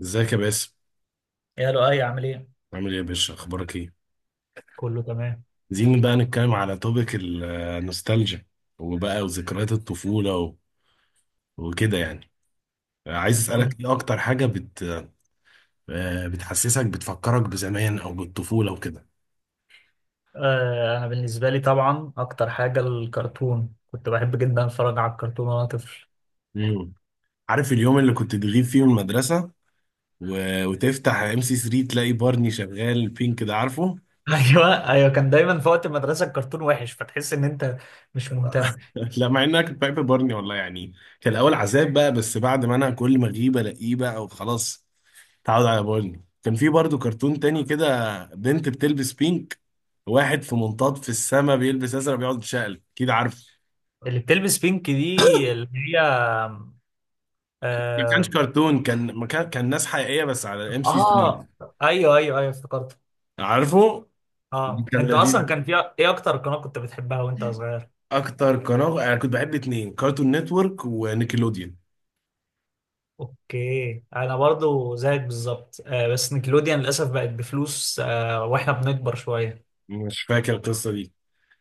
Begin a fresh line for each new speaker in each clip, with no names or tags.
ازيك يا باسم؟
يا لؤي، عامل ايه؟
عامل ايه يا باشا؟ اخبارك ايه؟
كله تمام.
عايزين بقى نتكلم على توبيك النوستالجيا، وبقى وذكريات الطفولة وكده يعني. عايز
أه.
اسالك، ايه اكتر حاجة بت آه، بتحسسك بتفكرك بزمان او بالطفولة وكده؟
آه، انا بالنسبه لي طبعا اكتر حاجه الكرتون، كنت بحب جدا اتفرج على الكرتون وانا طفل.
مم. عارف اليوم اللي كنت تغيب فيه من المدرسة و... وتفتح ام سي 3 تلاقي بارني شغال، بينك ده عارفه؟
ايوه ايوه، كان دايما في وقت المدرسه الكرتون وحش فتحس ان انت مش مهتم.
لا، مع انها كنت بحب بارني والله يعني. كان الاول عذاب بقى، بس بعد ما انا كل ما اغيب الاقيه بقى وخلاص اتعود على بارني. كان في برضو كرتون تاني كده، بنت بتلبس بينك، واحد في منطاد في السما بيلبس ازرق بيقعد يتشقلب. اكيد عارف.
اللي بتلبس بينك دي اللي هي
ما كانش
اه,
كرتون، كان ما كان كان ناس حقيقيه، بس على ام سي 3.
آه. ايوه ايوه ايوه، افتكرت.
عارفه؟
اه،
كان
انت اصلا
لذيذ.
كان في ايه اكتر قناه كنت بتحبها وانت صغير؟
اكتر قناه انا كنت بحب اتنين، كارتون نتورك ونيكلوديان.
اوكي، انا برضو زيك بالظبط. بس نيكلوديان للاسف بقت بفلوس، واحنا بنكبر شويه.
مش فاكر القصه دي.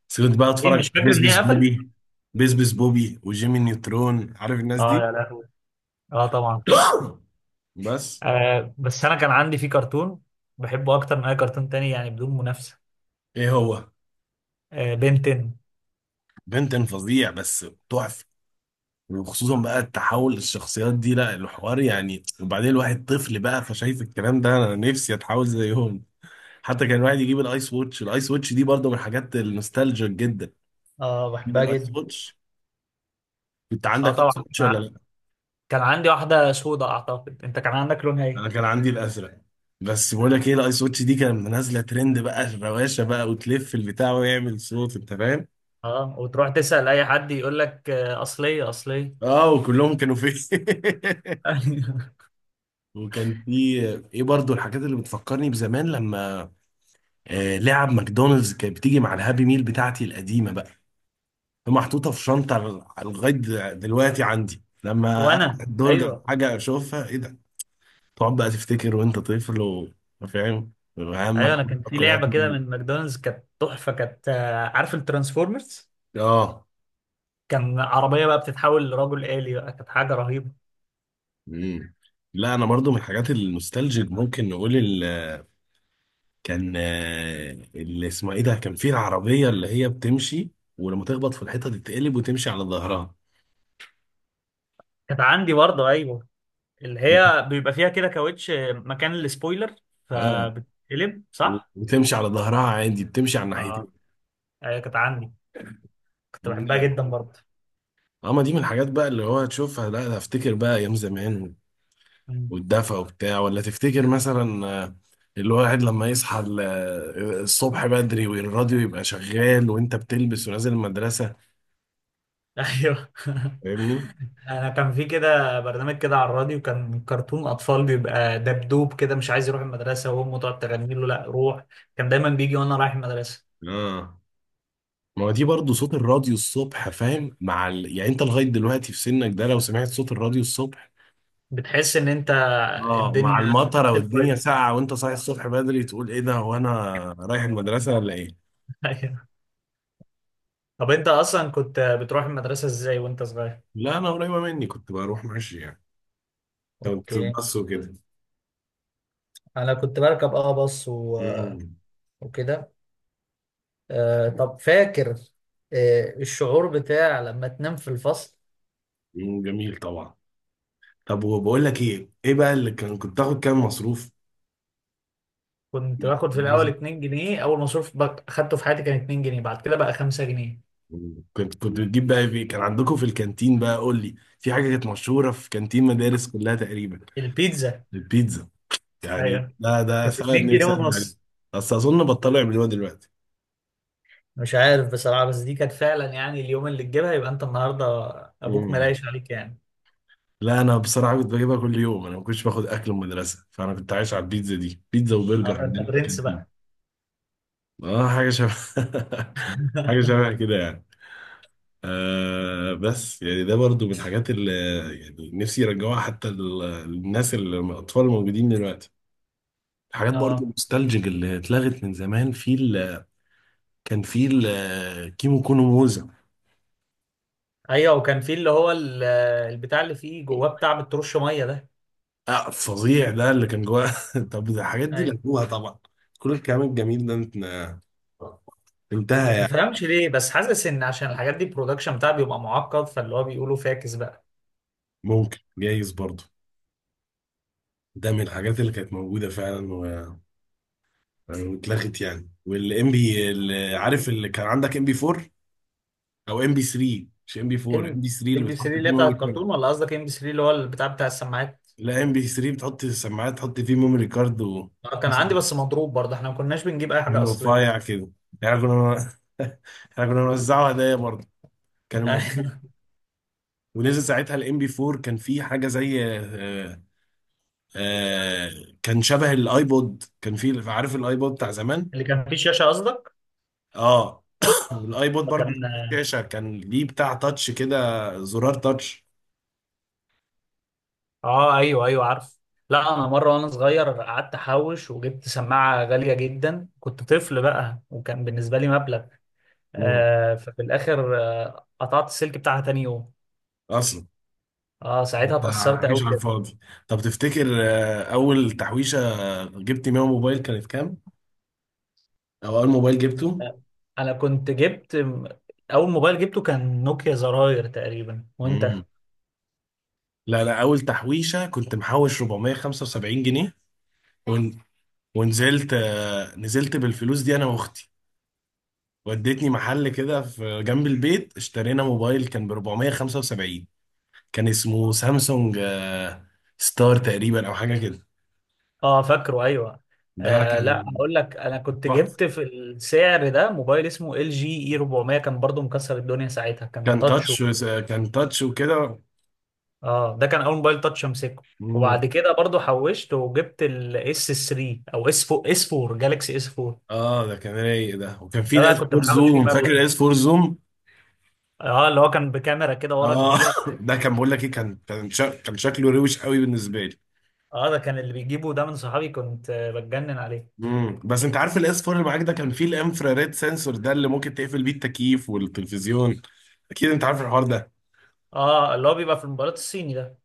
بس كنت بقى اتفرج
ليه
على
مش فاكر ان هي
بيزبس
قفلت.
بوبي بيزبس بوبي وجيمي نيوترون. عارف الناس
اه
دي؟
يا لهوي، اه طبعا.
بس.
بس انا كان عندي فيه كرتون بحبه اكتر من اي كرتون تاني، يعني بدون منافسه.
ايه هو؟
آه، بنتن.
بنتن فظيع، بس تحفه. وخصوصا بقى التحول للشخصيات دي لا، الحوار يعني، وبعدين الواحد طفل بقى، فشايف الكلام ده انا نفسي اتحول زيهم. حتى كان الواحد يجيب الايس ووتش دي برضه من الحاجات النوستالجيك جدا.
اه، بحبها
الايس
جدا.
ووتش. كنت
اه
عندك
طبعا،
ايس ووتش ولا لا؟
كان عندي واحده سودا. اعتقد انت كان عندك لونها
انا
ايه؟
كان عندي الازرق. بس بقول لك ايه، الايس واتش دي كانت نازله ترند بقى، الروشه بقى، وتلف البتاع ويعمل صوت، انت فاهم.
اه، وتروح تسال اي حد يقول لك آه، اصليه اصليه.
اه، وكلهم كانوا فيه. وكان في ايه برضو الحاجات اللي بتفكرني بزمان لما لعب ماكدونالدز كانت بتيجي مع الهابي ميل بتاعتي القديمه بقى، محطوطه في شنطه لغايه دلوقتي عندي، لما افتح
وانا
الدرج على
ايوه.
حاجه اشوفها، ايه ده؟ تقعد بقى تفتكر وانت طفل وفاهم
ايوه،
وهمك
انا كان في
كلها
لعبه كده
تيجي.
من ماكدونالدز كانت تحفه، كانت عارف الترانسفورمرز،
اه.
كان عربيه بقى بتتحول لرجل آلي بقى، كانت حاجه رهيبه.
مم. لا، انا برضو من الحاجات النوستالجيك ممكن نقول كان اللي اسمها ايه ده، كان فيه العربيه اللي هي بتمشي، ولما تخبط في الحيطه تتقلب وتمشي على ظهرها.
كانت عندي برضه، ايوه. اللي هي بيبقى فيها كده كاوتش مكان السبويلر،
اه،
فبتتقلب، صح؟
وتمشي على ظهرها عادي، بتمشي على
اه
الناحيتين.
ايوه، كانت عندي، كنت
مم،
بحبها
لا.
جدا برضه.
اه، ما دي من الحاجات بقى اللي هو تشوفها، لا ده افتكر بقى ايام زمان
مم.
والدفى وبتاع. ولا تفتكر مثلا، الواحد لما يصحى الصبح بدري والراديو يبقى شغال وانت بتلبس ونازل المدرسه؟
ايوه،
فاهمني؟
انا كان في كده برنامج كده على الراديو، كان كرتون اطفال بيبقى دبدوب كده مش عايز يروح المدرسه وامه تقعد تغني له لا روح. كان دايما بيجي وانا رايح المدرسه.
اه، ما هو دي برضه صوت الراديو الصبح، فاهم؟ مع يعني انت لغايه دلوقتي في سنك ده لو سمعت صوت الراديو الصبح،
بتحس ان انت
اه، مع
الدنيا
المطره
نفس
والدنيا
الفايب.
ساقعه وانت صاحي الصبح بدري، تقول ايه ده؟ هو انا رايح المدرسه ولا ايه؟
ايوه. طب انت اصلا كنت بتروح المدرسه ازاي وانت صغير؟
لا، انا قريبه مني، كنت بروح ماشي يعني، كنت
اوكي،
بس وكده.
انا كنت بركب باص و...
امم
وكده. طب فاكر الشعور بتاع لما تنام في الفصل.
أمم، جميل طبعا. طب وبقول لك ايه، ايه بقى اللي كان كنت تاخد كام مصروف؟
كنت
لا
باخد في الاول
مدرسة.
2 جنيه. اول مصروف خدته في حياتي كان 2 جنيه، بعد كده بقى 5 جنيه.
كنت بتجيب بقى ايه؟ كان عندكم في الكانتين بقى، قول لي. في حاجه كانت مشهوره في كانتين مدارس كلها تقريبا.
البيتزا.
البيتزا. يعني
ايوه،
ده
كانت
سبب
2 جنيه
نفسي ارجع ليه.
ونص.
بس اظن بطلوا يعملوها دلوقتي.
مش عارف بصراحة، بس دي كانت فعلا يعني اليوم اللي تجيبها يبقى انت النهارده ابوك
امم.
ملايش عليك يعني.
لا، انا بصراحه كنت بجيبها كل يوم، انا ما كنتش باخد اكل من المدرسه، فانا كنت عايش على البيتزا دي، بيتزا وبرجر
النهارده انت
عندنا في
برنس.
الكانتين. اه، حاجه شبه. حاجه شبه كده يعني. بس يعني ده برضو من الحاجات اللي يعني نفسي يرجعوها، حتى الناس الاطفال الموجودين دلوقتي. الحاجات برضو
اه
النوستالجيك اللي اتلغت من زمان في كان في الكيمو كونو موزة.
ايوه، وكان في اللي هو البتاع اللي فيه جواه بتاع بترش ميه ده.
فظيع، ده اللي كان جواه. طب ده الحاجات دي
ايوه،
لغوها طبعا، كل الكلام الجميل ده انتهى
ما
يعني.
تفهمش ليه بس حاسس ان عشان الحاجات دي البرودكشن بتاعها بيبقى معقد، فاللي هو بيقولوا فاكس بقى.
ممكن، جايز برضه. ده من الحاجات اللي كانت موجودة فعلا يعني واتلغت يعني. والام بي اللي، عارف اللي كان عندك ام بي 4 او ام بي 3؟ مش ام بي
ام
4، ام بي 3 اللي
ام بي 3
بتحط فيه
اللي هي بتاع
ميموري
الكرتون
كارد.
ولا قصدك ام بي 3 اللي هو البتاع بتاع السماعات؟
لا، ام بي 3 بتحط السماعات، تحط فيه ميموري كارد، و
آه، كان عندي
اسمه
بس مضروب برضه، احنا ما كناش بنجيب اي حاجه اصليه.
رفيع كده، يعني كنا. احنا كنا بنوزعه هدايا برضه، كان الموضوع. ونزل ساعتها الام بي 4، كان فيه حاجه زي آه، كان شبه الايبود. كان فيه، عارف الايبود بتاع زمان؟
اللي كان فيه شاشه قصدك
اه الايبود برضو
كان.
شاشه، كان ليه بتاع تاتش كده، زرار تاتش.
اه، ايوه ايوه عارف. لا، انا مره وانا صغير قعدت احوش وجبت سماعه غاليه جدا، كنت طفل بقى وكان بالنسبه لي مبلغ.
مم.
ففي الاخر قطعت السلك بتاعها تاني يوم.
اصلا
اه، ساعتها اتأثرت قوي
مفيش على
بجد.
الفاضي. طب تفتكر اول تحويشه جبت بيها موبايل كانت كام؟ او اول موبايل جبته؟
آه، انا كنت اول موبايل جبته كان نوكيا زراير تقريبا، وانت؟
مم. لا لا، اول تحويشه كنت محوش 475 جنيه. ون... ونزلت نزلت بالفلوس دي انا واختي، ودتني محل كده في جنب البيت، اشترينا موبايل كان ب 475. كان اسمه سامسونج ستار تقريبا او حاجه كده.
اه فاكره، ايوه.
ده
لا،
كان
هقول لك، انا كنت
تحفه،
جبت في السعر ده موبايل اسمه ال جي اي 400، كان برضو مكسر الدنيا ساعتها، كان
كان
تاتش
تاتش،
وكده.
كان تاتش وكده.
اه، ده كان اول موبايل تاتش امسكه.
مم.
وبعد كده برضو حوشت وجبت الاس 3 او اس 4، اس 4 جالكسي اس 4.
اه، ده كان رايق ده، وكان في
ده
ده
بقى
اس
كنت
4
محوش فيه
زوم. فاكر
مبلغ.
الاس 4 زوم؟
اه، اللي هو كان بكاميرا كده ورا
اه.
كبيرة.
ده كان، بقول لك ايه، كان شكله روش قوي بالنسبه لي.
اه، ده كان اللي بيجيبه ده من صحابي، كنت بتجنن عليه.
بس انت عارف الاس 4 اللي معاك ده كان فيه الانفراريد سنسور ده، اللي ممكن تقفل بيه التكييف والتلفزيون؟ اكيد انت عارف الحوار ده.
اه، اللي هو بيبقى في الموبايلات الصيني ده.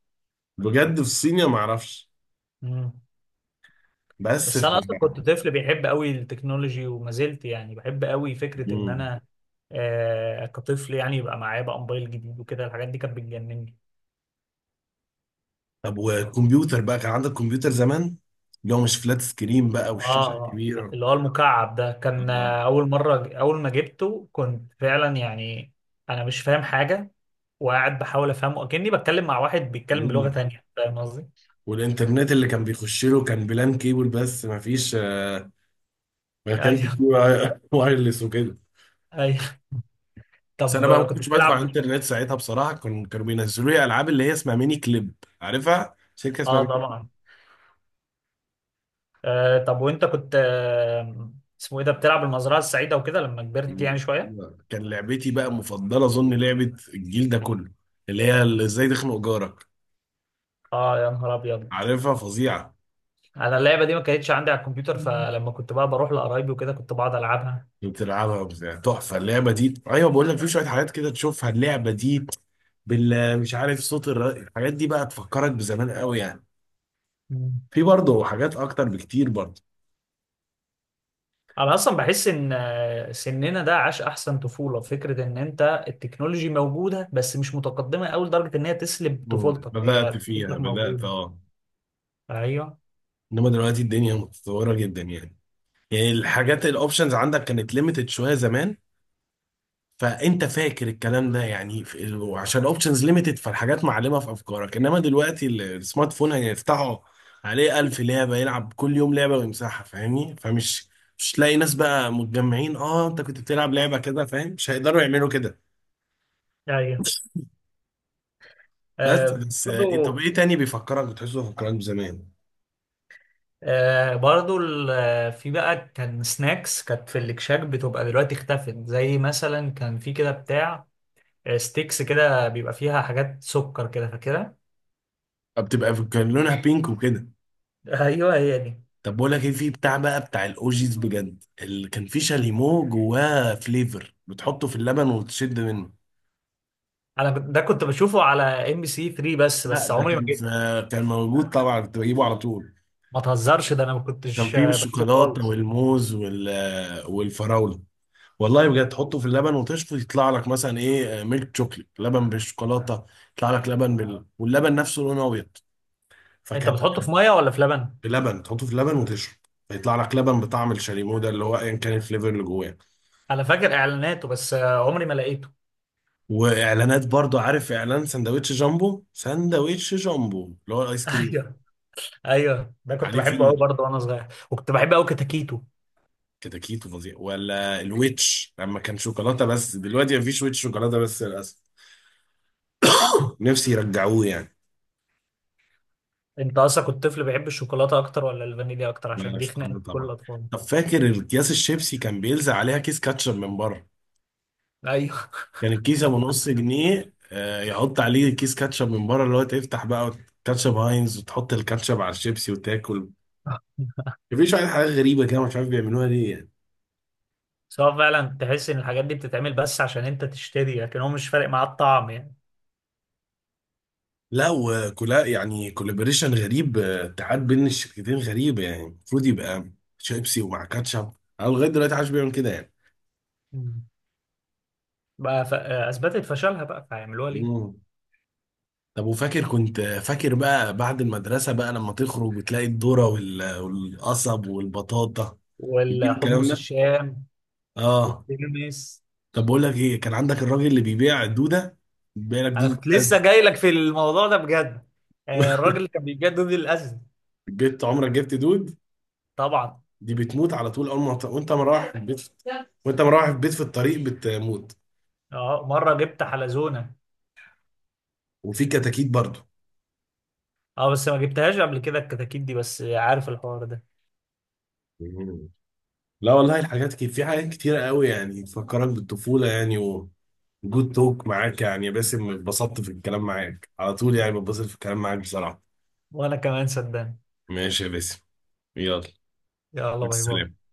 بجد، في الصينية ما اعرفش،
مم.
بس
بس
في.
انا اصلا كنت طفل بيحب قوي التكنولوجي، وما زلت يعني بحب قوي فكرة ان
مم.
انا كطفل يعني يبقى معايا بقى موبايل جديد وكده، الحاجات دي كانت بتجنني.
طب والكمبيوتر بقى، كان عندك كمبيوتر زمان اللي هو مش فلات سكرين بقى والشاشة
اه،
الكبيرة؟
اللي هو المكعب ده كان
آه.
اول مرة اول ما جبته كنت فعلا يعني انا مش فاهم حاجة، وقاعد بحاول افهمه اكني بتكلم مع واحد بيتكلم بلغة
مم.
تانية، فاهم قصدي؟
والإنترنت اللي كان بيخش له كان بلان كيبل، بس ما فيش ما كانش
ايوه
فيه وايرلس وكده.
ايوه،
بس أنا بقى
طب
ما
كنت
كنتش بدخل على
بتلعب.
الإنترنت ساعتها بصراحة، كان كانوا بينزلوا لي ألعاب اللي هي اسمها ميني كليب. عارفها؟ شركة اسمها
اه
ميني
طبعا. طب وانت كنت اسمه ايه ده، بتلعب المزرعه السعيده وكده لما كبرت يعني
كليب.
شويه.
كان لعبتي بقى مفضلة، أظن لعبة الجيل ده كله، اللي هي اللي إزاي تخنق جارك.
اه يا نهار ابيض،
عارفها؟ فظيعه.
انا اللعبه دي ما كانتش عندي على الكمبيوتر،
مم.
فلما كنت بقى بروح لقرايبي وكده كنت بقعد العبها.
بتلعبها وبتاع، تحفه اللعبه دي. ايوه بقول لك، في شويه حاجات كده تشوفها، اللعبه دي مش عارف، صوت الحاجات دي بقى تفكرك بزمان قوي يعني.
مم.
في برضه حاجات اكتر بكتير برضه.
انا اصلا بحس ان سننا ده عاش احسن طفوله، فكره ان انت التكنولوجي موجوده بس مش متقدمه قوي لدرجه ان هي تسلب طفولتك، هي
بدات فيها،
طفولتك
بدات
موجوده.
اه.
ايوه.
انما دلوقتي الدنيا متطوره جدا يعني. يعني الحاجات الاوبشنز عندك كانت ليميتد شويه زمان. فانت فاكر الكلام ده، يعني وعشان اوبشنز ليميتد، فالحاجات معلمه في افكارك، انما دلوقتي السمارت فون هيفتحه عليه ألف لعبه، يلعب كل يوم لعبه ويمسحها، فاهمني؟ فمش مش تلاقي ناس بقى متجمعين. اه، انت كنت بتلعب لعبه كده فاهم، مش هيقدروا يعملوا كده.
ايوه،
بس
آه
بس طب
برضو،
ايه تاني بيفكرك، بتحسه بيفكرك بزمان؟
آه برضو. في بقى كان سناكس كانت في الاكشاك بتبقى دلوقتي اختفت. زي مثلا كان في كده بتاع ستيكس كده بيبقى فيها حاجات سكر كده، فاكرها.
بتبقى كان لونها بينك وكده.
ايوه، هي دي.
طب بقول لك ايه، في بتاع بقى، بتاع الاوجيز، بجد، اللي كان فيه شاليمو جواه فليفر، بتحطه في اللبن وتشد منه.
ده كنت بشوفه على ام بي سي 3 بس
لا،
بس
ده
عمري ما
كان
جيت.
كان موجود طبعا، كنت بجيبه على طول.
ما تهزرش، ده انا ما
كان
كنتش
فيه
بحبه
بالشوكولاته
خالص.
والموز وال والفراوله. والله بجد تحطه في اللبن وتشفط، يطلع لك مثلا ايه، ميلك شوكليت، لبن بالشوكولاته. يطلع لك لبن واللبن نفسه لونه ابيض.
انت
فكان
بتحطه في ميه ولا في لبن؟
بلبن، تحطه في اللبن وتشرب، فيطلع لك لبن بطعم الشاليمو ده، اللي هو ايا كان الفليفر اللي جواه.
انا فاكر اعلاناته، بس عمري ما لقيته.
واعلانات برضو، عارف اعلان سندوتش جامبو؟ سندوتش جامبو اللي هو الايس كريم.
ايوه ايوه، ده كنت
عليه
بحبه قوي
فيه
برضه وانا صغير، وكنت بحب قوي كتاكيتو.
كده، كيتو فظيع، ولا الويتش لما كان شوكولاته. بس دلوقتي مفيش ويتش شوكولاته بس، للاسف. نفسي يرجعوه يعني.
انت اصلا كنت طفل بيحب الشوكولاته اكتر ولا الفانيليا اكتر؟ عشان
بلا
دي خناقه
شوكولاته
كل
طبعا.
الاطفال.
طب فاكر الاكياس الشيبسي كان بيلزق عليها كيس كاتشب من بره؟
ايوه.
كان الكيس ابو نص جنيه يحط عليه كيس كاتشب من بره، اللي هو تفتح بقى كاتشب هاينز وتحط الكاتشب على الشيبسي وتاكل. مفيش واحد. حاجه غريبه كده، مش عارف بيعملوها ليه يعني.
سواء فعلا تحس ان الحاجات دي بتتعمل بس عشان انت تشتري، لكن هو مش فارق معاه الطعم يعني.
لا وكلا يعني، كولابوريشن غريب، اتحاد بين الشركتين غريب. يعني المفروض يبقى شيبسي ومع كاتشب. انا لغايه دلوقتي عايش بيعمل كده يعني.
مم. بقى اثبتت فشلها بقى، فهيعملوها ليه؟
مم. طب وفاكر، كنت فاكر بقى بعد المدرسه بقى لما تخرج بتلاقي الذره والقصب والبطاطا؟ بتجيب الكلام
والحمص
ده.
الشام
اه.
والترمس.
طب بقول لك ايه، كان عندك الراجل اللي بيبيع الدوده، بيبيع لك
انا
دوده
كنت لسه جاي لك في الموضوع ده بجد. الراجل اللي كان بيجدد الاذن.
جبت عمرك جبت دود؟
طبعا.
دي بتموت على طول، اول ما وانت مروح البيت، وانت مروح البيت في الطريق بتموت.
اه، مره جبت حلزونه.
وفي كتاكيت برضو.
اه، بس ما جبتهاش قبل كده الكتاكيت دي، بس عارف الحوار ده.
مم. لا والله الحاجات كتير، في حاجات كتيرة قوي يعني تفكرك بالطفولة يعني. وجود توك معاك يعني يا باسم، اتبسطت في الكلام معاك على طول يعني، بتبسط في الكلام معاك بصراحة.
وانا كمان صدقني.
ماشي يا باسم، يلا.
يلا،
مع
باي
السلامة.
باي.